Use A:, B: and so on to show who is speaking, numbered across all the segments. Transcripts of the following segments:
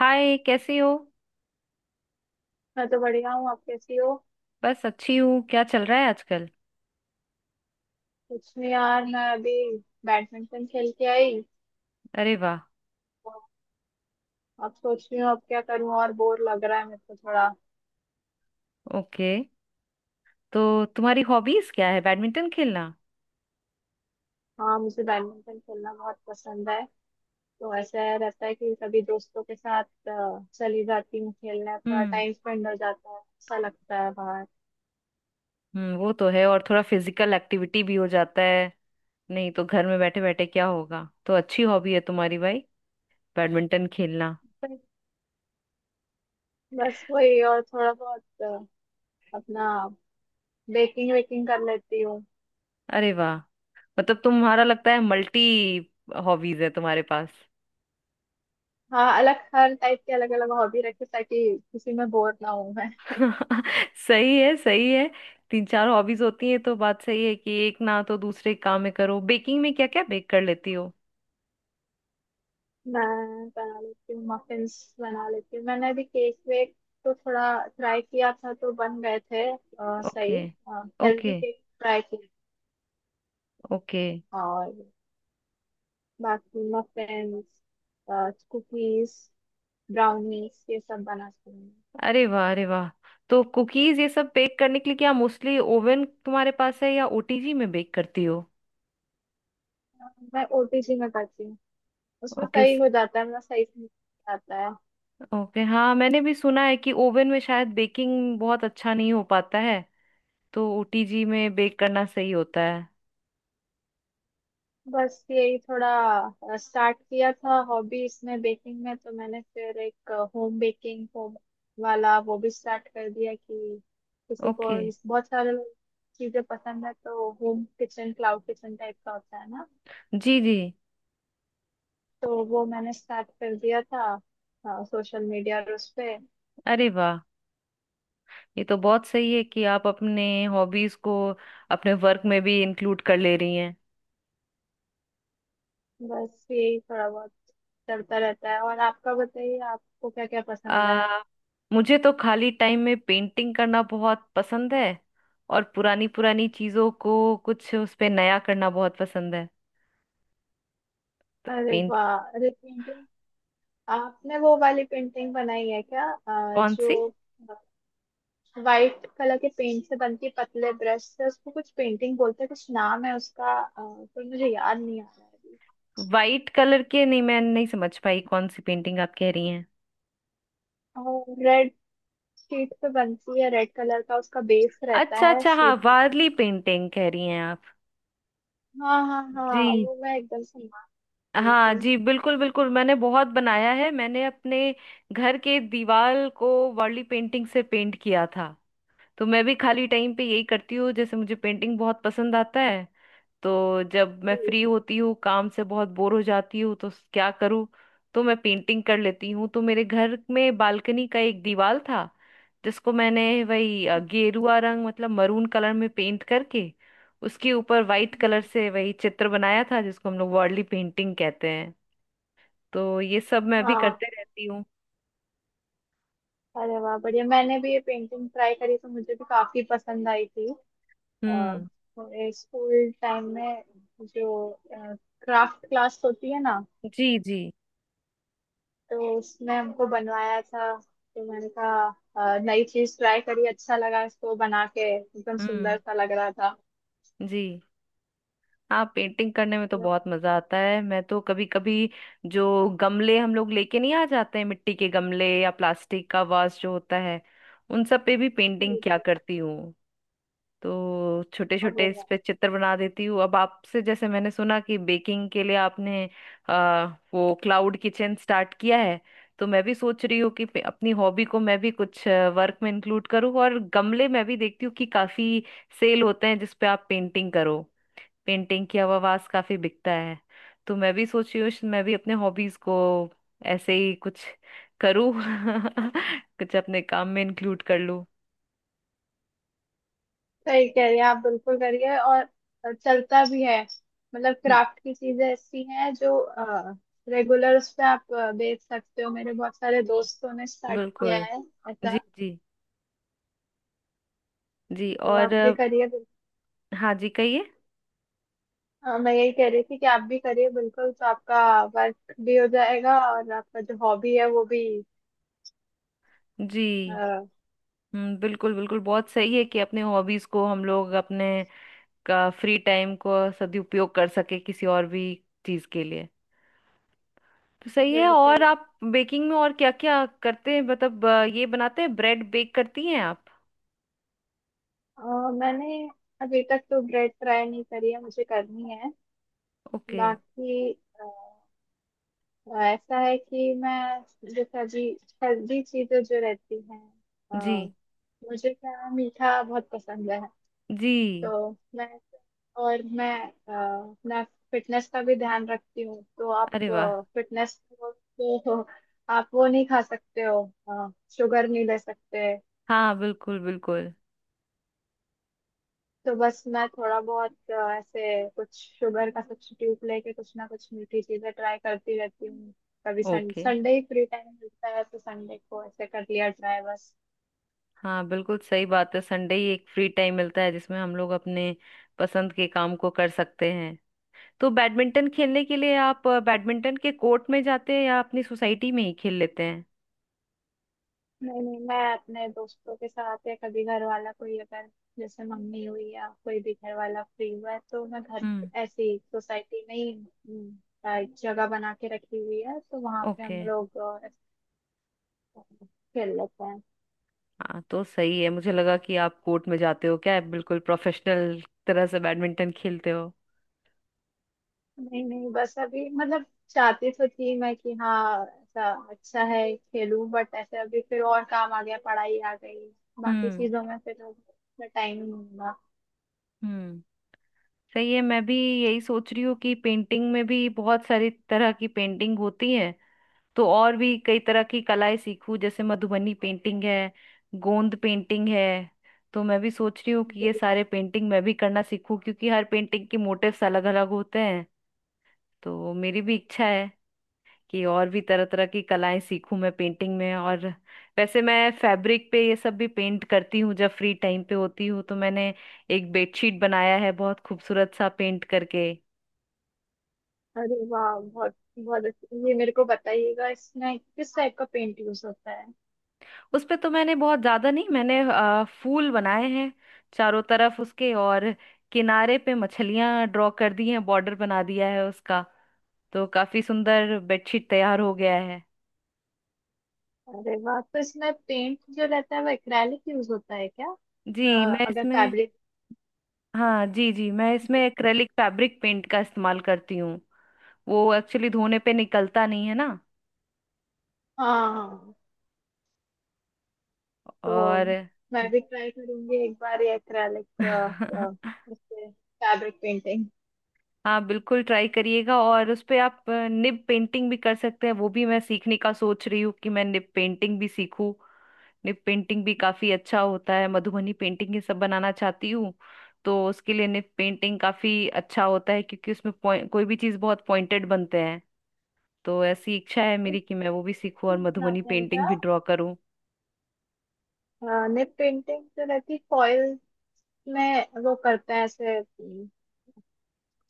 A: हाय, कैसी हो?
B: मैं तो बढ़िया हूँ। आप कैसी हो?
A: बस अच्छी हूँ। क्या चल रहा है आजकल?
B: कुछ नहीं यार, मैं अभी बैडमिंटन खेल के आई।
A: अरे वाह।
B: अब सोच रही हूँ अब क्या करूँ, और बोर लग रहा है मेरे को थोड़ा।
A: ओके। तो तुम्हारी हॉबीज क्या है, बैडमिंटन खेलना?
B: हाँ, मुझे बैडमिंटन खेलना बहुत पसंद है। तो ऐसा रहता है कि कभी दोस्तों के साथ चली जाती हूँ खेलने, थोड़ा
A: हम्म।
B: टाइम स्पेंड हो जाता है, अच्छा लगता है बाहर।
A: हम्म, वो तो है। और थोड़ा फिजिकल एक्टिविटी भी हो जाता है। नहीं तो घर में बैठे बैठे क्या होगा, तो अच्छी हॉबी है तुम्हारी भाई, बैडमिंटन खेलना।
B: फिर बस वही, और थोड़ा बहुत अपना बेकिंग वेकिंग कर लेती हूँ।
A: अरे वाह। मतलब तुम्हारा लगता है मल्टी हॉबीज है तुम्हारे पास।
B: हाँ, अलग हर टाइप के अलग अलग हॉबी रखी ताकि किसी में बोर ना हूँ।
A: सही है, सही है। तीन चार हॉबीज होती है तो बात सही है कि एक ना तो दूसरे काम में करो। बेकिंग में क्या क्या बेक कर लेती हो?
B: मैं बना लेती हूँ, मफिन्स बना लेती हूँ। मैंने अभी केक वेक तो थोड़ा ट्राई किया था, तो बन गए थे सही।
A: Okay. Okay.
B: Healthy cake try किए।
A: ओके।
B: और बाकी मफिन्स, कुकीज, ब्राउनीज, ये सब बनाती हूँ।
A: अरे वाह, अरे वाह। तो कुकीज ये सब बेक करने के लिए क्या मोस्टली ओवन तुम्हारे पास है या ओटीजी में बेक करती हो?
B: मैं ओटीजी में करती हूँ। उसमें
A: ओके।
B: सही हो जाता है, मेरा सही से आता है।
A: ओके। हाँ, मैंने भी सुना है कि ओवन में शायद बेकिंग बहुत अच्छा नहीं हो पाता है, तो ओटीजी में बेक करना सही होता है।
B: बस यही थोड़ा स्टार्ट किया था हॉबीज में, बेकिंग में। तो मैंने फिर एक होम बेकिंग होम वाला वो भी स्टार्ट कर दिया कि
A: ओके।
B: बहुत सारे चीजें पसंद है, तो home kitchen cloud kitchen type का होता है ना,
A: जी जी।
B: तो वो मैंने स्टार्ट कर दिया था सोशल मीडिया और उस पे।
A: अरे वाह। ये तो बहुत सही है कि आप अपने हॉबीज को अपने वर्क में भी इंक्लूड कर ले रही हैं।
B: बस यही थोड़ा बहुत चलता रहता है। और आपका बताइए, आपको क्या क्या पसंद है?
A: आ, मुझे तो खाली टाइम में पेंटिंग करना बहुत पसंद है। और पुरानी पुरानी चीजों को कुछ उस पे नया करना बहुत पसंद है। तो
B: अरे
A: पेंट
B: वाह, अरे, आपने वो वाली पेंटिंग बनाई है क्या
A: कौन
B: जो
A: सी?
B: वाइट कलर के पेंट से बनती है, पतले ब्रश से? उसको कुछ पेंटिंग बोलते हैं, कुछ नाम है उसका, पर मुझे याद नहीं आ रहा है अभी।
A: वाइट कलर के नहीं, मैं नहीं समझ पाई कौन सी पेंटिंग आप कह रही हैं।
B: और रेड शीट पे बनती है, रेड कलर का उसका बेस रहता
A: अच्छा
B: है,
A: अच्छा, हाँ,
B: शीट रहती
A: वारली पेंटिंग कह रही हैं आप।
B: है। हाँ हाँ हाँ,
A: जी।
B: वो मैं एकदम से मान रही
A: हाँ
B: थी।
A: जी, बिल्कुल बिल्कुल। मैंने बहुत बनाया है। मैंने अपने घर के दीवार को वार्ली पेंटिंग से पेंट किया था। तो मैं भी खाली टाइम पे यही करती हूँ। जैसे मुझे पेंटिंग बहुत पसंद आता है, तो जब मैं
B: जी,
A: फ्री होती हूँ, काम से बहुत बोर हो जाती हूँ, तो क्या करूँ, तो मैं पेंटिंग कर लेती हूँ। तो मेरे घर में बालकनी का एक दीवार था जिसको मैंने वही गेरुआ रंग मतलब मरून कलर में पेंट करके उसके ऊपर वाइट
B: जी,
A: कलर
B: जी।
A: से वही चित्र बनाया था जिसको हम लोग वर्ली पेंटिंग कहते हैं। तो ये सब मैं भी करते
B: हाँ।
A: रहती हूँ।
B: अरे वाह, बढ़िया। मैंने भी ये पेंटिंग ट्राई करी, तो मुझे भी काफी पसंद आई थी।
A: हम्म।
B: स्कूल टाइम में जो क्राफ्ट क्लास होती है ना,
A: जी जी।
B: तो उसमें हमको बनवाया था। तो मैंने कहा नई चीज ट्राई करी, अच्छा लगा इसको बना के, एकदम
A: हम्म।
B: सुंदर सा लग रहा था।
A: जी। हाँ, पेंटिंग करने में तो बहुत मजा आता है। मैं तो कभी कभी जो गमले हम लोग लेके नहीं आ जाते हैं, मिट्टी के गमले या प्लास्टिक का वास जो होता है, उन सब पे भी पेंटिंग क्या करती हूँ, तो छोटे
B: और
A: छोटे
B: बोला,
A: इस पे चित्र बना देती हूँ। अब आपसे जैसे मैंने सुना कि बेकिंग के लिए आपने आ, वो क्लाउड किचन स्टार्ट किया है, तो मैं भी सोच रही हूँ कि अपनी हॉबी को मैं भी कुछ वर्क में इंक्लूड करूँ। और गमले मैं भी देखती हूँ कि काफी सेल होते हैं जिसपे आप पेंटिंग करो, पेंटिंग की आवाज काफी बिकता है। तो मैं भी सोची हूँ मैं भी अपने हॉबीज को ऐसे ही कुछ करूँ कुछ अपने काम में इंक्लूड कर लूँ।
B: सही कह रही हैं आप, बिल्कुल करिए, और चलता भी है। मतलब
A: ब-
B: क्राफ्ट की चीजें ऐसी हैं जो रेगुलर उस पे आप बेच सकते हो। मेरे बहुत सारे दोस्तों ने स्टार्ट किया
A: बिल्कुल।
B: है
A: जी
B: ऐसा,
A: जी। जी।
B: तो
A: और
B: आप भी करिए।
A: हाँ जी, कहिए।
B: हाँ, मैं यही कह रही थी कि आप भी करिए बिल्कुल, तो आपका वर्क भी हो जाएगा और आपका जो हॉबी है वो भी।
A: जी।
B: अ,
A: बिल्कुल बिल्कुल, बहुत सही है कि अपने हॉबीज को हम लोग अपने का फ्री टाइम को सदुपयोग कर सके किसी और भी चीज के लिए। तो सही है। और
B: बिल्कुल।
A: आप बेकिंग में और क्या क्या करते हैं, मतलब ये बनाते हैं, ब्रेड बेक करती हैं आप?
B: अ, मैंने अभी तक तो ब्रेड ट्राई नहीं करी है, मुझे करनी है।
A: ओके।
B: बाकी अ, ऐसा है कि मैं जैसे अभी हेल्दी चीजें जो रहती हैं,
A: जी
B: अ, मुझे क्या मीठा बहुत पसंद है।
A: जी।
B: तो मैं, और मैं अपना फिटनेस का भी ध्यान रखती हूँ, तो आप
A: अरे वाह।
B: फिटनेस तो आप वो नहीं खा सकते हो, शुगर नहीं ले सकते।
A: हाँ, बिल्कुल बिल्कुल।
B: तो बस मैं थोड़ा बहुत ऐसे कुछ शुगर का सब्स्टिट्यूट लेके कुछ ना कुछ मीठी चीजें ट्राई करती रहती हूँ। कभी संडे,
A: ओके।
B: संडे ही फ्री टाइम मिलता है, तो संडे को ऐसे कर लिया ट्राई, बस।
A: हाँ, बिल्कुल सही बात है, संडे ही एक फ्री टाइम मिलता है जिसमें हम लोग अपने पसंद के काम को कर सकते हैं। तो बैडमिंटन खेलने के लिए आप बैडमिंटन के कोर्ट में जाते हैं या अपनी सोसाइटी में ही खेल लेते हैं?
B: नहीं नहीं, मैं अपने दोस्तों के साथ, या कभी घर वाला कोई अगर, जैसे मम्मी हुई या कोई भी घर वाला फ्री हुआ है, तो मैं घर,
A: हम्म।
B: ऐसे ही सोसाइटी में ही, एक जगह बना के रखी हुई है, तो वहां पे
A: ओके।
B: हम लोग ऐसे खेल लेते हैं।
A: हाँ तो सही है। मुझे लगा कि आप कोर्ट में जाते हो क्या, आप बिल्कुल प्रोफेशनल तरह से बैडमिंटन खेलते हो।
B: नहीं नहीं, बस अभी मतलब चाहती तो थी मैं कि हाँ ऐसा अच्छा है खेलूं, बट ऐसे अभी फिर और काम आ गया, पढ़ाई आ गई, बाकी
A: हम्म।
B: चीजों में फिर टाइम नहीं मिला।
A: हम्म, सही है। मैं भी यही सोच रही हूँ कि पेंटिंग में भी बहुत सारी तरह की पेंटिंग होती है, तो और भी कई तरह की कलाएं सीखूं। जैसे मधुबनी पेंटिंग है, गोंद पेंटिंग है। तो मैं भी सोच रही हूँ कि ये सारे पेंटिंग मैं भी करना सीखूं, क्योंकि हर पेंटिंग के मोटिव्स अलग अलग होते हैं। तो मेरी भी इच्छा है कि और भी तरह तरह की कलाएं सीखूं मैं पेंटिंग में। और वैसे मैं फैब्रिक पे ये सब भी पेंट करती हूँ जब फ्री टाइम पे होती हूँ। तो मैंने एक बेडशीट बनाया है, बहुत खूबसूरत सा पेंट करके।
B: अरे वाह, बहुत बहुत अच्छा। ये मेरे को बताइएगा, इसमें किस टाइप का पेंट यूज होता है?
A: उस पे तो मैंने बहुत ज्यादा नहीं, मैंने फूल बनाए हैं चारों तरफ उसके, और किनारे पे मछलियां ड्रॉ कर दी हैं, बॉर्डर बना दिया है उसका। तो काफी सुंदर बेडशीट तैयार हो गया है।
B: अरे वाह, तो इसमें पेंट जो रहता है वो एक्रेलिक यूज होता है क्या?
A: जी मैं
B: अगर
A: इसमें
B: फैब्रिक।
A: हाँ जी जी, मैं इसमें एक्रेलिक फैब्रिक पेंट का इस्तेमाल करती हूँ। वो एक्चुअली धोने पे निकलता नहीं है ना।
B: हाँ हाँ। तो
A: और
B: मैं भी ट्राई करूंगी एक बार ये एक्रेलिक, उससे फैब्रिक पेंटिंग
A: हाँ बिल्कुल, ट्राई करिएगा। और उस पे आप निब पेंटिंग भी कर सकते हैं। वो भी मैं सीखने का सोच रही हूँ कि मैं निब पेंटिंग भी सीखूं। निब पेंटिंग भी काफी अच्छा होता है, मधुबनी पेंटिंग ये सब बनाना चाहती हूँ, तो उसके लिए निब पेंटिंग काफी अच्छा होता है, क्योंकि उसमें कोई भी चीज बहुत पॉइंटेड बनते हैं। तो ऐसी इच्छा है मेरी कि मैं वो भी सीखूं और मधुबनी
B: बनाते हैं
A: पेंटिंग
B: क्या?
A: भी ड्रॉ करूं।
B: निप पेंटिंग तो रहती फॉइल में, वो करते हैं ऐसे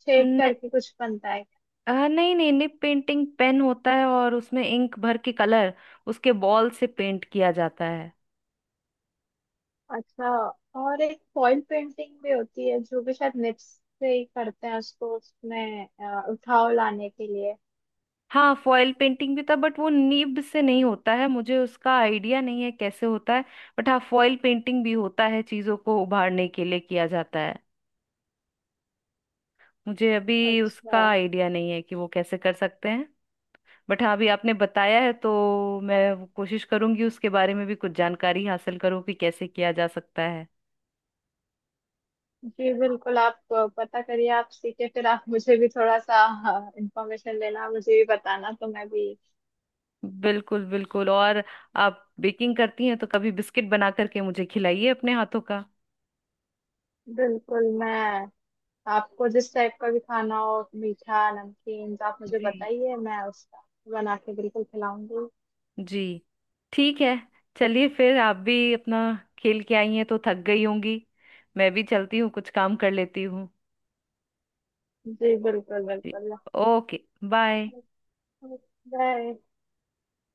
B: शेड
A: न,
B: करके कुछ बनता है।
A: नहीं नहीं, निब पेंटिंग पेन होता है और उसमें इंक भर के कलर उसके बॉल से पेंट किया जाता है।
B: अच्छा। और एक फॉइल पेंटिंग भी होती है जो कि शायद निप्स से ही करते हैं उसको, उसमें उठाव लाने के लिए।
A: हाँ, फॉयल पेंटिंग भी था बट वो नीब से नहीं होता है, मुझे उसका आइडिया नहीं है कैसे होता है। बट हाँ, फॉयल पेंटिंग भी होता है, चीजों को उभारने के लिए किया जाता है। मुझे अभी उसका
B: अच्छा।
A: आइडिया नहीं है कि वो कैसे कर सकते हैं। बट हाँ, अभी आपने बताया है तो मैं वो कोशिश करूंगी, उसके बारे में भी कुछ जानकारी हासिल करूँ कि कैसे किया जा सकता है।
B: जी बिल्कुल, आप पता करिए, आप सीखे फिर आप मुझे भी थोड़ा सा इंफॉर्मेशन लेना, मुझे भी बताना तो मैं भी।
A: बिल्कुल बिल्कुल। और आप बेकिंग करती हैं तो कभी बिस्किट बना करके मुझे खिलाइए अपने हाथों का।
B: बिल्कुल, मैं आपको जिस टाइप का भी खाना हो, मीठा नमकीन, तो आप मुझे
A: जी।
B: बताइए, मैं उसका बना के बिल्कुल खिलाऊंगी।
A: जी। ठीक है। चलिए, फिर आप भी अपना खेल के आई हैं तो थक गई होंगी, मैं भी चलती हूँ, कुछ काम कर लेती हूँ।
B: जी, बिल्कुल
A: जी।
B: बिल्कुल।
A: ओके। बाय।
B: बाय।